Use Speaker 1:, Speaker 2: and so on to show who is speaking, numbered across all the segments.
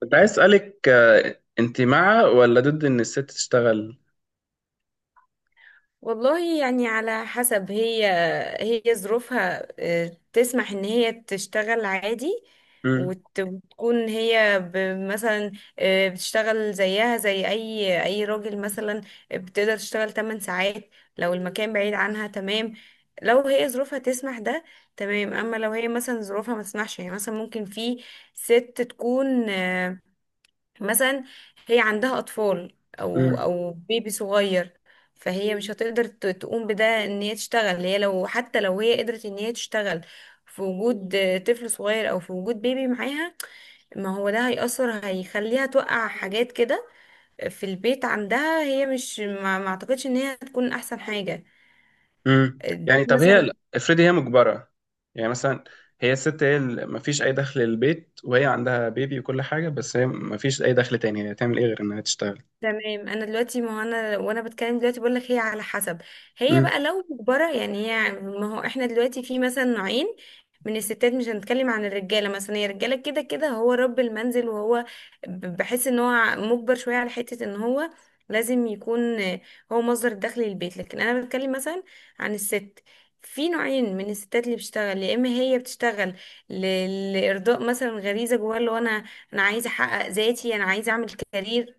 Speaker 1: كنت عايز اسالك، انت مع ولا ضد ان الست تشتغل؟
Speaker 2: والله، يعني على حسب هي ظروفها، تسمح ان هي تشتغل عادي.
Speaker 1: مم.
Speaker 2: وتكون هي مثلا بتشتغل زيها زي اي راجل، مثلا بتقدر تشتغل 8 ساعات لو المكان بعيد عنها، تمام. لو هي ظروفها تسمح ده تمام. اما لو هي مثلا ظروفها ما تسمحش، يعني مثلا ممكن في ست تكون مثلا هي عندها اطفال او
Speaker 1: مم.
Speaker 2: او بيبي صغير. فهي مش هتقدر تقوم بده، ان هي تشتغل. هي لو حتى لو هي قدرت ان هي تشتغل في وجود طفل صغير او في وجود بيبي معاها، ما هو ده هيأثر، هيخليها توقع حاجات كده في البيت عندها. هي مش ما اعتقدش ان هي هتكون احسن حاجة.
Speaker 1: مم. يعني، طب
Speaker 2: مثلا
Speaker 1: هي افرضي هي مجبره. يعني مثلا، هي الست، هي ما فيش اي دخل للبيت وهي عندها بيبي وكل حاجه، بس هي ما فيش اي دخل تاني. هي هتعمل ايه غير انها تشتغل؟
Speaker 2: تمام. انا دلوقتي، ما هو انا، وانا بتكلم دلوقتي بقول لك هي على حسب. هي
Speaker 1: مم.
Speaker 2: بقى لو مجبره، يعني هي ما هو احنا دلوقتي في مثلا نوعين من الستات. مش هنتكلم عن الرجاله، مثلا هي الرجاله كده كده هو رب المنزل وهو بحس ان هو مجبر شويه على حته ان هو لازم يكون هو مصدر دخل للبيت. لكن انا بتكلم مثلا عن الست. في نوعين من الستات اللي بتشتغل، يا اما هي بتشتغل لارضاء مثلا غريزه جواها، اللي هو انا، انا عايزه احقق ذاتي، انا عايزه اعمل كارير.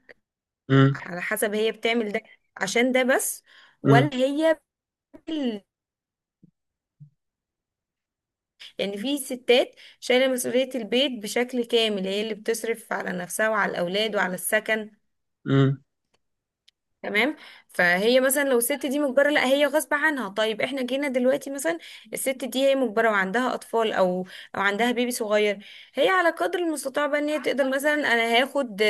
Speaker 1: مم.
Speaker 2: على حسب هي بتعمل ده عشان ده بس.
Speaker 1: مم.
Speaker 2: ولا هي بال... يعني في ستات شايلة مسؤولية البيت بشكل كامل، هي اللي بتصرف على نفسها وعلى الأولاد وعلى السكن،
Speaker 1: مم.
Speaker 2: تمام. فهي مثلا لو الست دي مجبره، لا، هي غصب عنها. طيب احنا جينا دلوقتي مثلا الست دي هي مجبره وعندها اطفال او عندها بيبي صغير. هي على قدر المستطاع بقى ان هي تقدر، مثلا انا هاخد،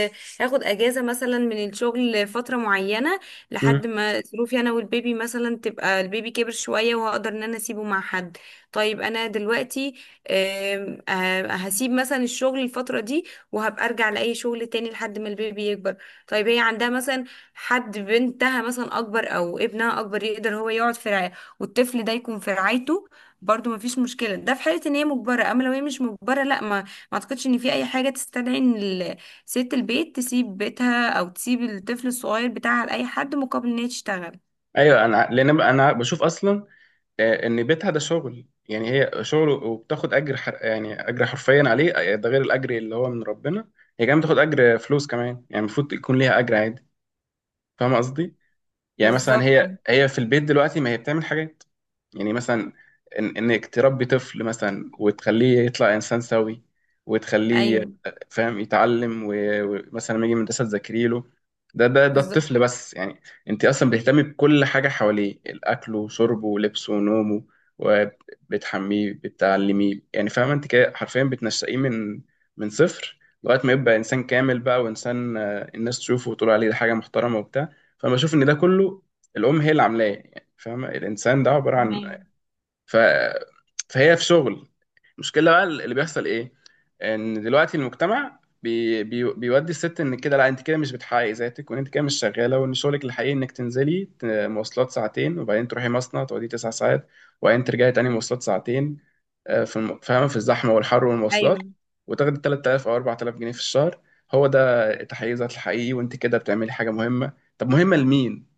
Speaker 2: اجازه مثلا من الشغل فتره معينه،
Speaker 1: مم.
Speaker 2: لحد ما ظروفي انا والبيبي مثلا تبقى، البيبي كبر شويه وهقدر ان انا اسيبه مع حد. طيب انا دلوقتي آم، آه، هسيب مثلا الشغل الفتره دي، وهبقى ارجع لاي شغل تاني لحد ما البيبي يكبر. طيب هي عندها مثلا حد، بنتها مثلا اكبر او ابنها اكبر يقدر هو يقعد في رعاية، والطفل ده يكون في رعايته. برضو مفيش مشكله. ده في حاله ان هي مجبره. اما لو هي مش مجبره، لا، ما اعتقدش ان في اي حاجه تستدعي ان ست البيت تسيب بيتها او تسيب الطفل الصغير بتاعها لاي حد مقابل ان هي تشتغل.
Speaker 1: ايوه. انا، لان انا بشوف اصلا ان بيتها ده شغل، يعني هي شغل وبتاخد اجر يعني اجر حرفيا عليه. ده غير الاجر اللي هو من ربنا. هي كمان بتاخد اجر فلوس كمان، يعني المفروض يكون ليها اجر عادي. فاهم قصدي؟ يعني مثلا
Speaker 2: بالظبط.
Speaker 1: هي في البيت دلوقتي، ما هي بتعمل حاجات. يعني مثلا، إن انك تربي طفل مثلا وتخليه يطلع انسان سوي، وتخليه
Speaker 2: ايوه،
Speaker 1: فاهم، يتعلم و- ومثلا لما يجي من المدرسه تذاكري له. ده
Speaker 2: بالظبط.
Speaker 1: الطفل بس، يعني. انت اصلا بتهتمي بكل حاجه حواليه، الاكل وشربه ولبسه ونومه، وبتحميه، بتعلميه، يعني فاهمه؟ انت كده حرفيا بتنشئيه من صفر لغايه ما يبقى انسان كامل بقى، وانسان الناس تشوفه وتقول عليه ده حاجه محترمه وبتاع. فبشوف ان ده كله الام هي اللي عاملاه، يعني فاهمه؟ الانسان ده عباره عن،
Speaker 2: تمام.
Speaker 1: ف... فهي في شغل. المشكله بقى اللي بيحصل ايه؟ ان دلوقتي المجتمع بيودي الست ان كده، لا انت كده مش بتحققي ذاتك، وان انت كده مش شغاله، وان شغلك الحقيقي انك تنزلي مواصلات ساعتين، وبعدين تروحي مصنع تقعدي 9 ساعات، وبعدين ترجعي تاني مواصلات ساعتين، في فاهمه، في الزحمه والحر والمواصلات،
Speaker 2: ايوه.
Speaker 1: وتاخدي 3000 او 4000 جنيه في الشهر. هو ده تحقيق ذات الحقيقي؟ وانت كده بتعملي حاجه مهمه، طب مهمه لمين؟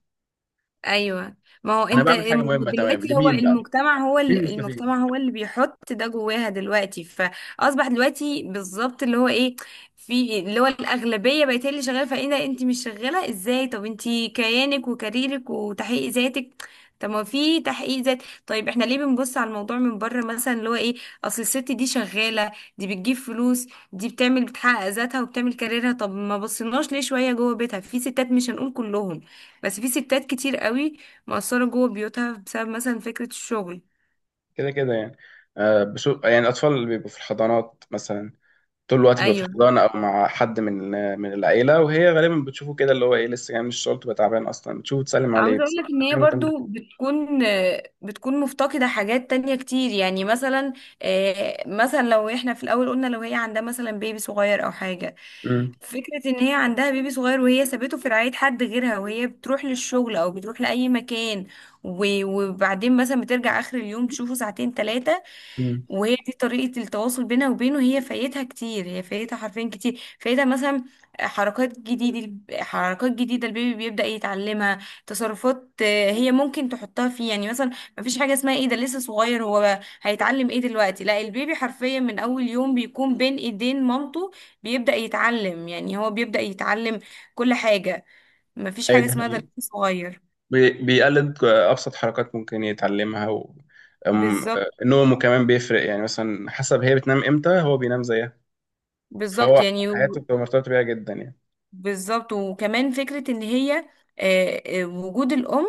Speaker 2: ايوه، ما هو
Speaker 1: انا
Speaker 2: انت
Speaker 1: بعمل حاجه مهمه تمام،
Speaker 2: دلوقتي هو
Speaker 1: لمين بقى؟
Speaker 2: المجتمع هو
Speaker 1: مين المستفيد؟
Speaker 2: المجتمع هو اللي بيحط ده جواها دلوقتي، فاصبح دلوقتي بالظبط اللي هو ايه، في اللي هو الاغلبيه بقت هي اللي شغاله. فايه ده، انت مش شغاله؟ ازاي؟ طب انت كيانك وكاريرك وتحقيق ذاتك؟ طب ما في تحقيق ذات. طيب احنا ليه بنبص على الموضوع من بره مثلا اللي هو ايه، اصل الست دي شغاله، دي بتجيب فلوس، دي بتعمل بتحقق ذاتها وبتعمل كاريرها. طب ما بصيناش ليه شويه جوه بيتها؟ في ستات، مش هنقول كلهم بس في ستات كتير قوي مقصرة جوه بيوتها بسبب مثلا فكرة الشغل.
Speaker 1: كده كده يعني. بشو، يعني الاطفال اللي بيبقوا في الحضانات مثلا طول الوقت بيبقوا في الحضانه، او مع حد من العيله، وهي غالبا بتشوفه كده، اللي هو ايه، لسه جاي من الشغل تبقى تعبان اصلا، بتشوفه تسلم عليه
Speaker 2: عاوزة اقول
Speaker 1: بس.
Speaker 2: لك ان هي
Speaker 1: أيوة، تمام.
Speaker 2: برضو بتكون مفتقدة حاجات تانية كتير، يعني مثلا مثلا لو احنا في الاول قلنا لو هي عندها مثلا بيبي صغير او حاجة.
Speaker 1: أمم.
Speaker 2: فكرة ان هي عندها بيبي صغير وهي سابته في رعاية حد غيرها وهي بتروح للشغل او بتروح لأي مكان، وبعدين مثلا بترجع اخر اليوم تشوفه ساعتين ثلاثة،
Speaker 1: أمم.
Speaker 2: وهي دي طريقة التواصل بينها وبينه. هي فايتها كتير، هي فايتها حرفيا كتير. فايتها مثلا حركات جديدة، حركات جديدة البيبي بيبدأ يتعلمها. تصرفات هي ممكن تحطها فيه، يعني مثلا مفيش حاجة اسمها ايه ده لسه صغير، هو هيتعلم ايه دلوقتي. لا، البيبي حرفيا من اول يوم بيكون بين ايدين مامته، بيبدأ يتعلم، يعني هو بيبدأ يتعلم كل حاجة. مفيش
Speaker 1: أيوة،
Speaker 2: حاجة
Speaker 1: دي
Speaker 2: اسمها ده
Speaker 1: حقيقة.
Speaker 2: لسه صغير.
Speaker 1: بيقلد ابسط حركات ممكن يتعلمها، و أم-
Speaker 2: بالظبط.
Speaker 1: نومه كمان بيفرق، يعني مثلا حسب هي بتنام امتى هو بينام زيها.
Speaker 2: بالظبط،
Speaker 1: فهو،
Speaker 2: يعني
Speaker 1: حياته بتبقى مرتبطه بيها جدا يعني.
Speaker 2: بالظبط. وكمان فكرة ان هي وجود الأم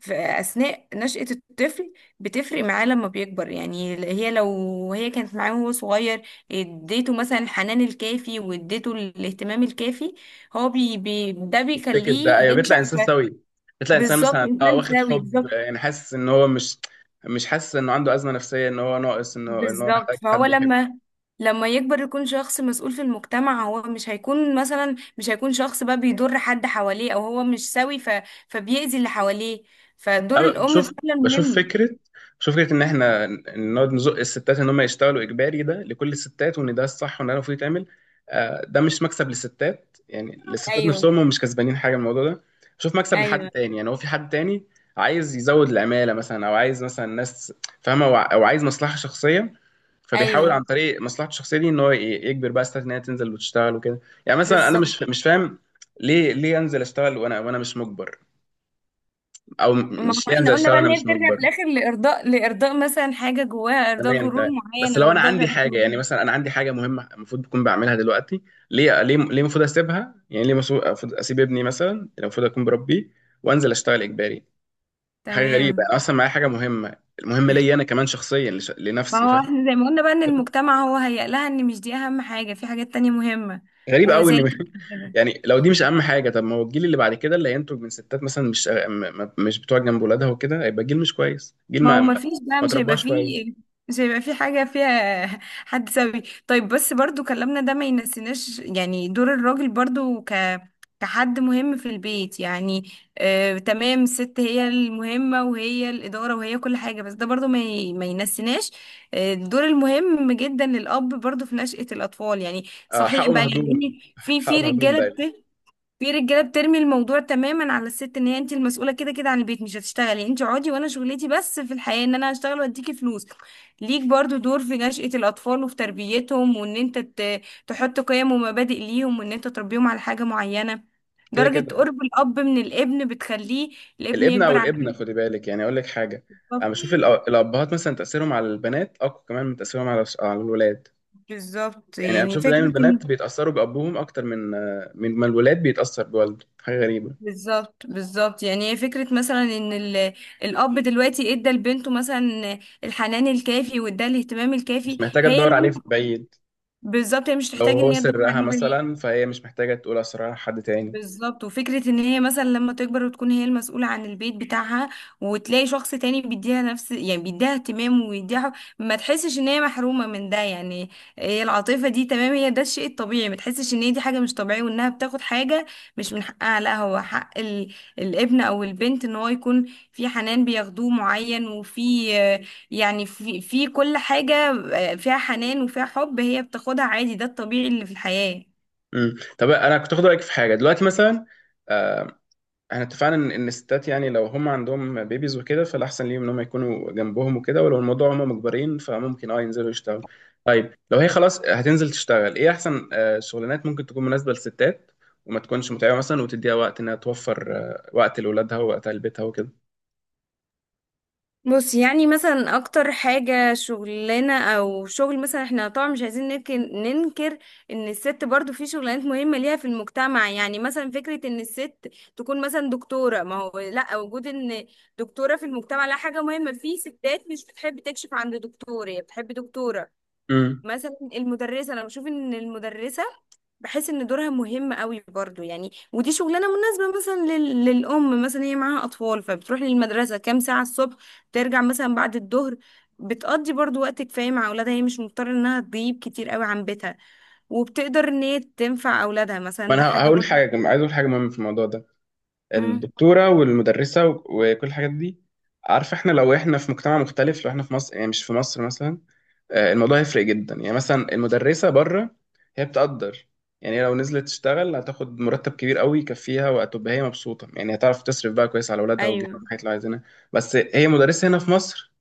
Speaker 2: في أثناء نشأة الطفل بتفرق معاه لما بيكبر. يعني هي لو هي كانت معاه وهو صغير، اديته مثلا الحنان الكافي واديته الاهتمام الكافي، هو بي بي ده
Speaker 1: التيكت ده،
Speaker 2: بيخليه
Speaker 1: ايوه،
Speaker 2: ينشأ
Speaker 1: بيطلع انسان سوي. بيطلع انسان
Speaker 2: بالظبط،
Speaker 1: مثلا
Speaker 2: إنسان
Speaker 1: واخد
Speaker 2: سوي،
Speaker 1: حب،
Speaker 2: بالظبط.
Speaker 1: يعني حاسس ان هو مش. مش حاسس انه عنده ازمه نفسيه، ان هو ناقص، انه ان هو
Speaker 2: بالظبط
Speaker 1: محتاج
Speaker 2: فهو
Speaker 1: حد.
Speaker 2: لما يكبر يكون شخص مسؤول في المجتمع، هو مش هيكون مثلا مش هيكون شخص بقى بيضر حد حواليه او هو مش سوي، فبيأذي اللي حواليه. فدور
Speaker 1: أنا
Speaker 2: الام فعلا
Speaker 1: بشوف
Speaker 2: مهم.
Speaker 1: فكرة بشوف فكرة إن إحنا نقعد نزق الستات إن هم يشتغلوا إجباري، ده لكل الستات، وإن ده الصح، وإن ده المفروض يتعمل. ده مش مكسب للستات. يعني الستات نفسهم هم
Speaker 2: ايوه،
Speaker 1: مش كسبانين حاجة من الموضوع ده. بشوف مكسب لحد
Speaker 2: ايوه،
Speaker 1: تاني. يعني هو في حد تاني عايز يزود العمالة مثلا، أو عايز مثلا ناس، فاهمة، أو عايز مصلحة شخصية، فبيحاول عن
Speaker 2: ايوه،
Speaker 1: طريق مصلحته الشخصيه دي ان هو يجبر بقى ستات ان هي تنزل وتشتغل وكده. يعني مثلا انا مش
Speaker 2: بالظبط.
Speaker 1: مش فاهم، ليه انزل اشتغل، وانا مش مجبر؟ او
Speaker 2: ما هو
Speaker 1: مش، ليه انزل
Speaker 2: احنا قلنا
Speaker 1: اشتغل
Speaker 2: بقى
Speaker 1: وانا
Speaker 2: ان هي
Speaker 1: مش
Speaker 2: بترجع في
Speaker 1: مجبر؟
Speaker 2: الاخر لارضاء، مثلا حاجه جواها، ارضاء
Speaker 1: تمام
Speaker 2: غرور
Speaker 1: تمام. بس
Speaker 2: معين
Speaker 1: لو
Speaker 2: او
Speaker 1: انا
Speaker 2: ارضاء
Speaker 1: عندي
Speaker 2: غريب
Speaker 1: حاجه، يعني
Speaker 2: معين.
Speaker 1: مثلا انا عندي حاجه مهمه المفروض اكون بعملها دلوقتي، ليه المفروض اسيبها؟ يعني ليه المفروض اسيب ابني مثلا اللي المفروض اكون بربيه، وانزل اشتغل اجباري؟ حاجه غريبه،
Speaker 2: تمام
Speaker 1: انا اصلا معايا حاجه مهمه، المهمه ليا انا كمان شخصيا،
Speaker 2: ما
Speaker 1: لنفسي،
Speaker 2: هو
Speaker 1: فاهم؟
Speaker 2: احنا زي ما قلنا بقى ان المجتمع هو هيقلها ان مش دي اهم حاجه، في حاجات تانية مهمه.
Speaker 1: غريب قوي
Speaker 2: وزي
Speaker 1: ان
Speaker 2: كده.
Speaker 1: يعني لو دي مش اهم حاجه، طب ما هو الجيل اللي بعد كده اللي هينتج من ستات مثلا مش مش بتوع جنب ولادها وكده، هيبقى جيل مش كويس، جيل
Speaker 2: ما هو ما فيش بقى،
Speaker 1: ما
Speaker 2: مش هيبقى
Speaker 1: ترباش كويس.
Speaker 2: فيه مش هيبقى فيه حاجة فيها حد سوي. طيب بس برضو كلامنا ده ما ينسيناش يعني دور الراجل برضو كحد مهم في البيت يعني. آه تمام الست هي المهمة وهي الإدارة وهي كل حاجة، بس ده برضو ما ينسيناش الدور المهم جدا للأب برضو في نشأة الأطفال. يعني صحيح
Speaker 1: حقه
Speaker 2: بقى، يعني
Speaker 1: مهضوم،
Speaker 2: إيه،
Speaker 1: حقه مهضوم دايما.
Speaker 2: في رجاله بترمي الموضوع تماما على الست ان هي انت المسؤوله كده كده عن البيت. مش هتشتغلي انت، اقعدي وانا شغلتي بس في الحياه ان انا هشتغل واديكي فلوس. ليك برضو دور في نشأة الاطفال وفي تربيتهم، وان انت تحط قيم ومبادئ ليهم، وان انت تربيهم على حاجه معينه.
Speaker 1: كده
Speaker 2: درجه
Speaker 1: كده.
Speaker 2: قرب الاب من الابن بتخليه الابن
Speaker 1: الابن او
Speaker 2: يكبر على
Speaker 1: الابنه،
Speaker 2: كده.
Speaker 1: خدي بالك، يعني اقول لك حاجه.
Speaker 2: بالظبط،
Speaker 1: انا بشوف الابهات مثلا تاثيرهم على البنات اقوى كمان من تاثيرهم على الولاد.
Speaker 2: بالظبط.
Speaker 1: يعني انا
Speaker 2: يعني
Speaker 1: بشوف دايما
Speaker 2: فكره،
Speaker 1: البنات بيتاثروا بابوهم اكتر من ما الولاد بيتاثر بوالده. حاجه غريبه.
Speaker 2: بالظبط، بالظبط يعني هي فكرة مثلا ان الاب دلوقتي ادى لبنته مثلا الحنان الكافي وادى الاهتمام الكافي،
Speaker 1: مش محتاجه
Speaker 2: هي
Speaker 1: تدور
Speaker 2: اللي
Speaker 1: عليه في بعيد.
Speaker 2: بالظبط هي مش
Speaker 1: لو
Speaker 2: تحتاج
Speaker 1: هو
Speaker 2: ان هي تدور
Speaker 1: سرها
Speaker 2: عليه بعيد.
Speaker 1: مثلا، فهي مش محتاجه تقول اسرارها لحد تاني.
Speaker 2: بالظبط. وفكرة ان هي مثلا لما تكبر وتكون هي المسؤولة عن البيت بتاعها وتلاقي شخص تاني بيديها نفس، يعني بيديها اهتمام ويديها حب، ما تحسش ان هي محرومة من ده. يعني هي العاطفة دي تمام هي ده الشيء الطبيعي، ما تحسش ان هي دي حاجة مش طبيعية وانها بتاخد حاجة مش من حقها. لا، هو حق الابن او البنت ان هو يكون في حنان بياخدوه معين، وفي يعني في كل حاجة فيها حنان وفيها حب، هي بتاخدها عادي. ده الطبيعي اللي في الحياة.
Speaker 1: طب انا كنت اخد رايك في حاجه دلوقتي مثلا. آه، احنا اتفقنا ان الستات، يعني لو هم عندهم بيبيز وكده فالاحسن ليهم ان هم يكونوا جنبهم وكده، ولو الموضوع هم مجبرين فممكن ينزلوا يشتغلوا. طيب لو هي خلاص هتنزل تشتغل، ايه احسن شغلانات ممكن تكون مناسبة للستات، وما تكونش متعبة مثلا، وتديها وقت انها توفر وقت لاولادها ووقت لبيتها وكده؟
Speaker 2: بص، يعني مثلا اكتر حاجة شغلنا او شغل مثلا، احنا طبعا مش عايزين ننكر ان الست برضو في شغلانات مهمة ليها في المجتمع. يعني مثلا فكرة ان الست تكون مثلا دكتورة، ما هو لا وجود ان دكتورة في المجتمع لا، حاجة مهمة. في ستات مش بتحب تكشف عند دكتور، هي بتحب دكتورة.
Speaker 1: امم
Speaker 2: مثلا المدرسة، انا بشوف ان المدرسة بحس ان دورها مهم قوي برضو. يعني ودي شغلانه مناسبه مثلا للام، مثلا هي معاها اطفال فبتروح للمدرسه كام ساعه الصبح، ترجع مثلا بعد الظهر، بتقضي برضو وقت كفايه مع اولادها، هي مش مضطره انها تغيب كتير قوي عن بيتها. وبتقدر ان هي تنفع اولادها
Speaker 1: ما
Speaker 2: مثلا. ده
Speaker 1: انا
Speaker 2: حاجه
Speaker 1: هقول
Speaker 2: برضو.
Speaker 1: حاجة، عايز اقول حاجة مهمة في الموضوع ده.
Speaker 2: امم.
Speaker 1: الدكتورة والمدرسة و- وكل الحاجات دي، عارف، احنا لو احنا في مجتمع مختلف، لو احنا في مصر يعني، مش في مصر مثلا، الموضوع يفرق جدا. يعني مثلا المدرسة بره، هي بتقدر، يعني هي لو نزلت تشتغل هتاخد مرتب كبير قوي يكفيها، وهتبقى هي مبسوطة، يعني هتعرف تصرف بقى كويس على اولادها وتجيب
Speaker 2: ايوه.
Speaker 1: لهم الحاجات اللي عايزينها. بس هي مدرسة هنا في مصر،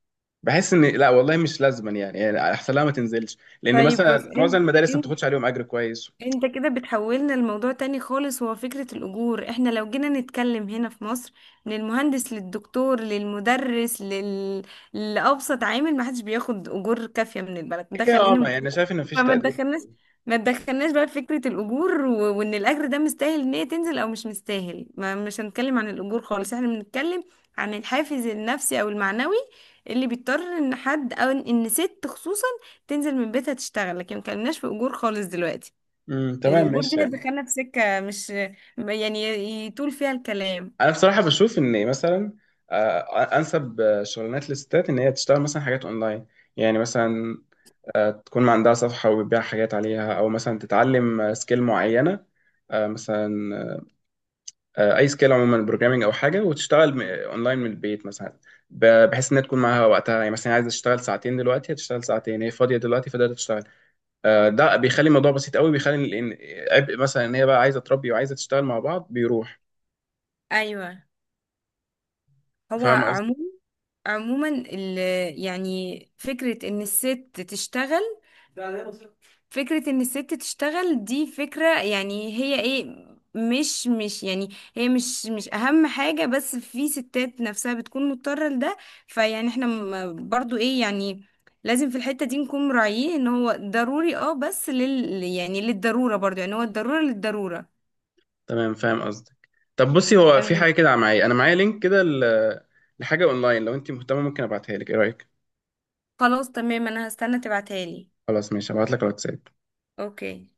Speaker 1: بحس ان لا والله مش لازما، يعني احسن لها ما تنزلش، لان
Speaker 2: طيب بص
Speaker 1: مثلا معظم
Speaker 2: انت،
Speaker 1: المدارس ما بتاخدش عليهم اجر كويس.
Speaker 2: انت كده بتحولنا الموضوع تاني خالص. هو فكرة الأجور، احنا لو جينا نتكلم هنا في مصر من المهندس للدكتور للمدرس لأبسط عامل، ما حدش بياخد أجور كافية من البلد ده.
Speaker 1: كده،
Speaker 2: خلينا
Speaker 1: ما يعني أنا شايف ان مفيش
Speaker 2: فما
Speaker 1: تقدير.
Speaker 2: تدخلناش ما تدخلناش بقى في فكرة الأجور وإن الأجر ده مستاهل إن هي تنزل أو مش مستاهل. ما مش هنتكلم عن الأجور خالص، احنا بنتكلم عن الحافز النفسي أو المعنوي اللي بيضطر إن حد أو إن ست خصوصا تنزل من بيتها تشتغل. لكن ما اتكلمناش في أجور خالص دلوقتي،
Speaker 1: تمام
Speaker 2: الأجور
Speaker 1: ماشي
Speaker 2: دي
Speaker 1: يعني.
Speaker 2: هتدخلنا في سكة مش، يعني، يطول فيها الكلام.
Speaker 1: انا بصراحة بشوف ان مثلا انسب شغلانات للستات ان هي تشتغل مثلا حاجات اونلاين. يعني مثلا تكون عندها صفحة وبتبيع حاجات عليها، أو مثلا تتعلم سكيل معينة. مثلا أي سكيل عموما، بروجرامينج أو حاجة، وتشتغل أونلاين من البيت مثلا، بحيث إنها تكون معاها وقتها، يعني مثلا عايزة تشتغل ساعتين دلوقتي، هتشتغل ساعتين هي فاضية دلوقتي فقدرت تشتغل. ده بيخلي الموضوع بسيط قوي، بيخلي إن عبء مثلا إن هي بقى عايزة تربي وعايزة تشتغل مع بعض بيروح.
Speaker 2: أيوة. هو
Speaker 1: فاهم قصدي؟
Speaker 2: عموما، عموما يعني فكرة إن الست تشتغل، فكرة إن الست تشتغل دي فكرة، يعني هي إيه، مش يعني. هي مش أهم حاجة، بس في ستات نفسها بتكون مضطرة لده. فيعني احنا برضو إيه يعني، لازم في الحتة دي نكون مراعيين إن هو ضروري، اه بس يعني للضرورة برضو، يعني هو الضرورة للضرورة.
Speaker 1: تمام، فاهم قصدك. طب بصي، هو في حاجة كده معايا، أنا معايا لينك كده ل- لحاجة أونلاين. لو أنت مهتمة ممكن أبعتها لك. إيه رأيك؟
Speaker 2: خلاص، تمام، انا هستنى تبعتها لي.
Speaker 1: خلاص ماشي، هبعت لك على الواتساب.
Speaker 2: اوكي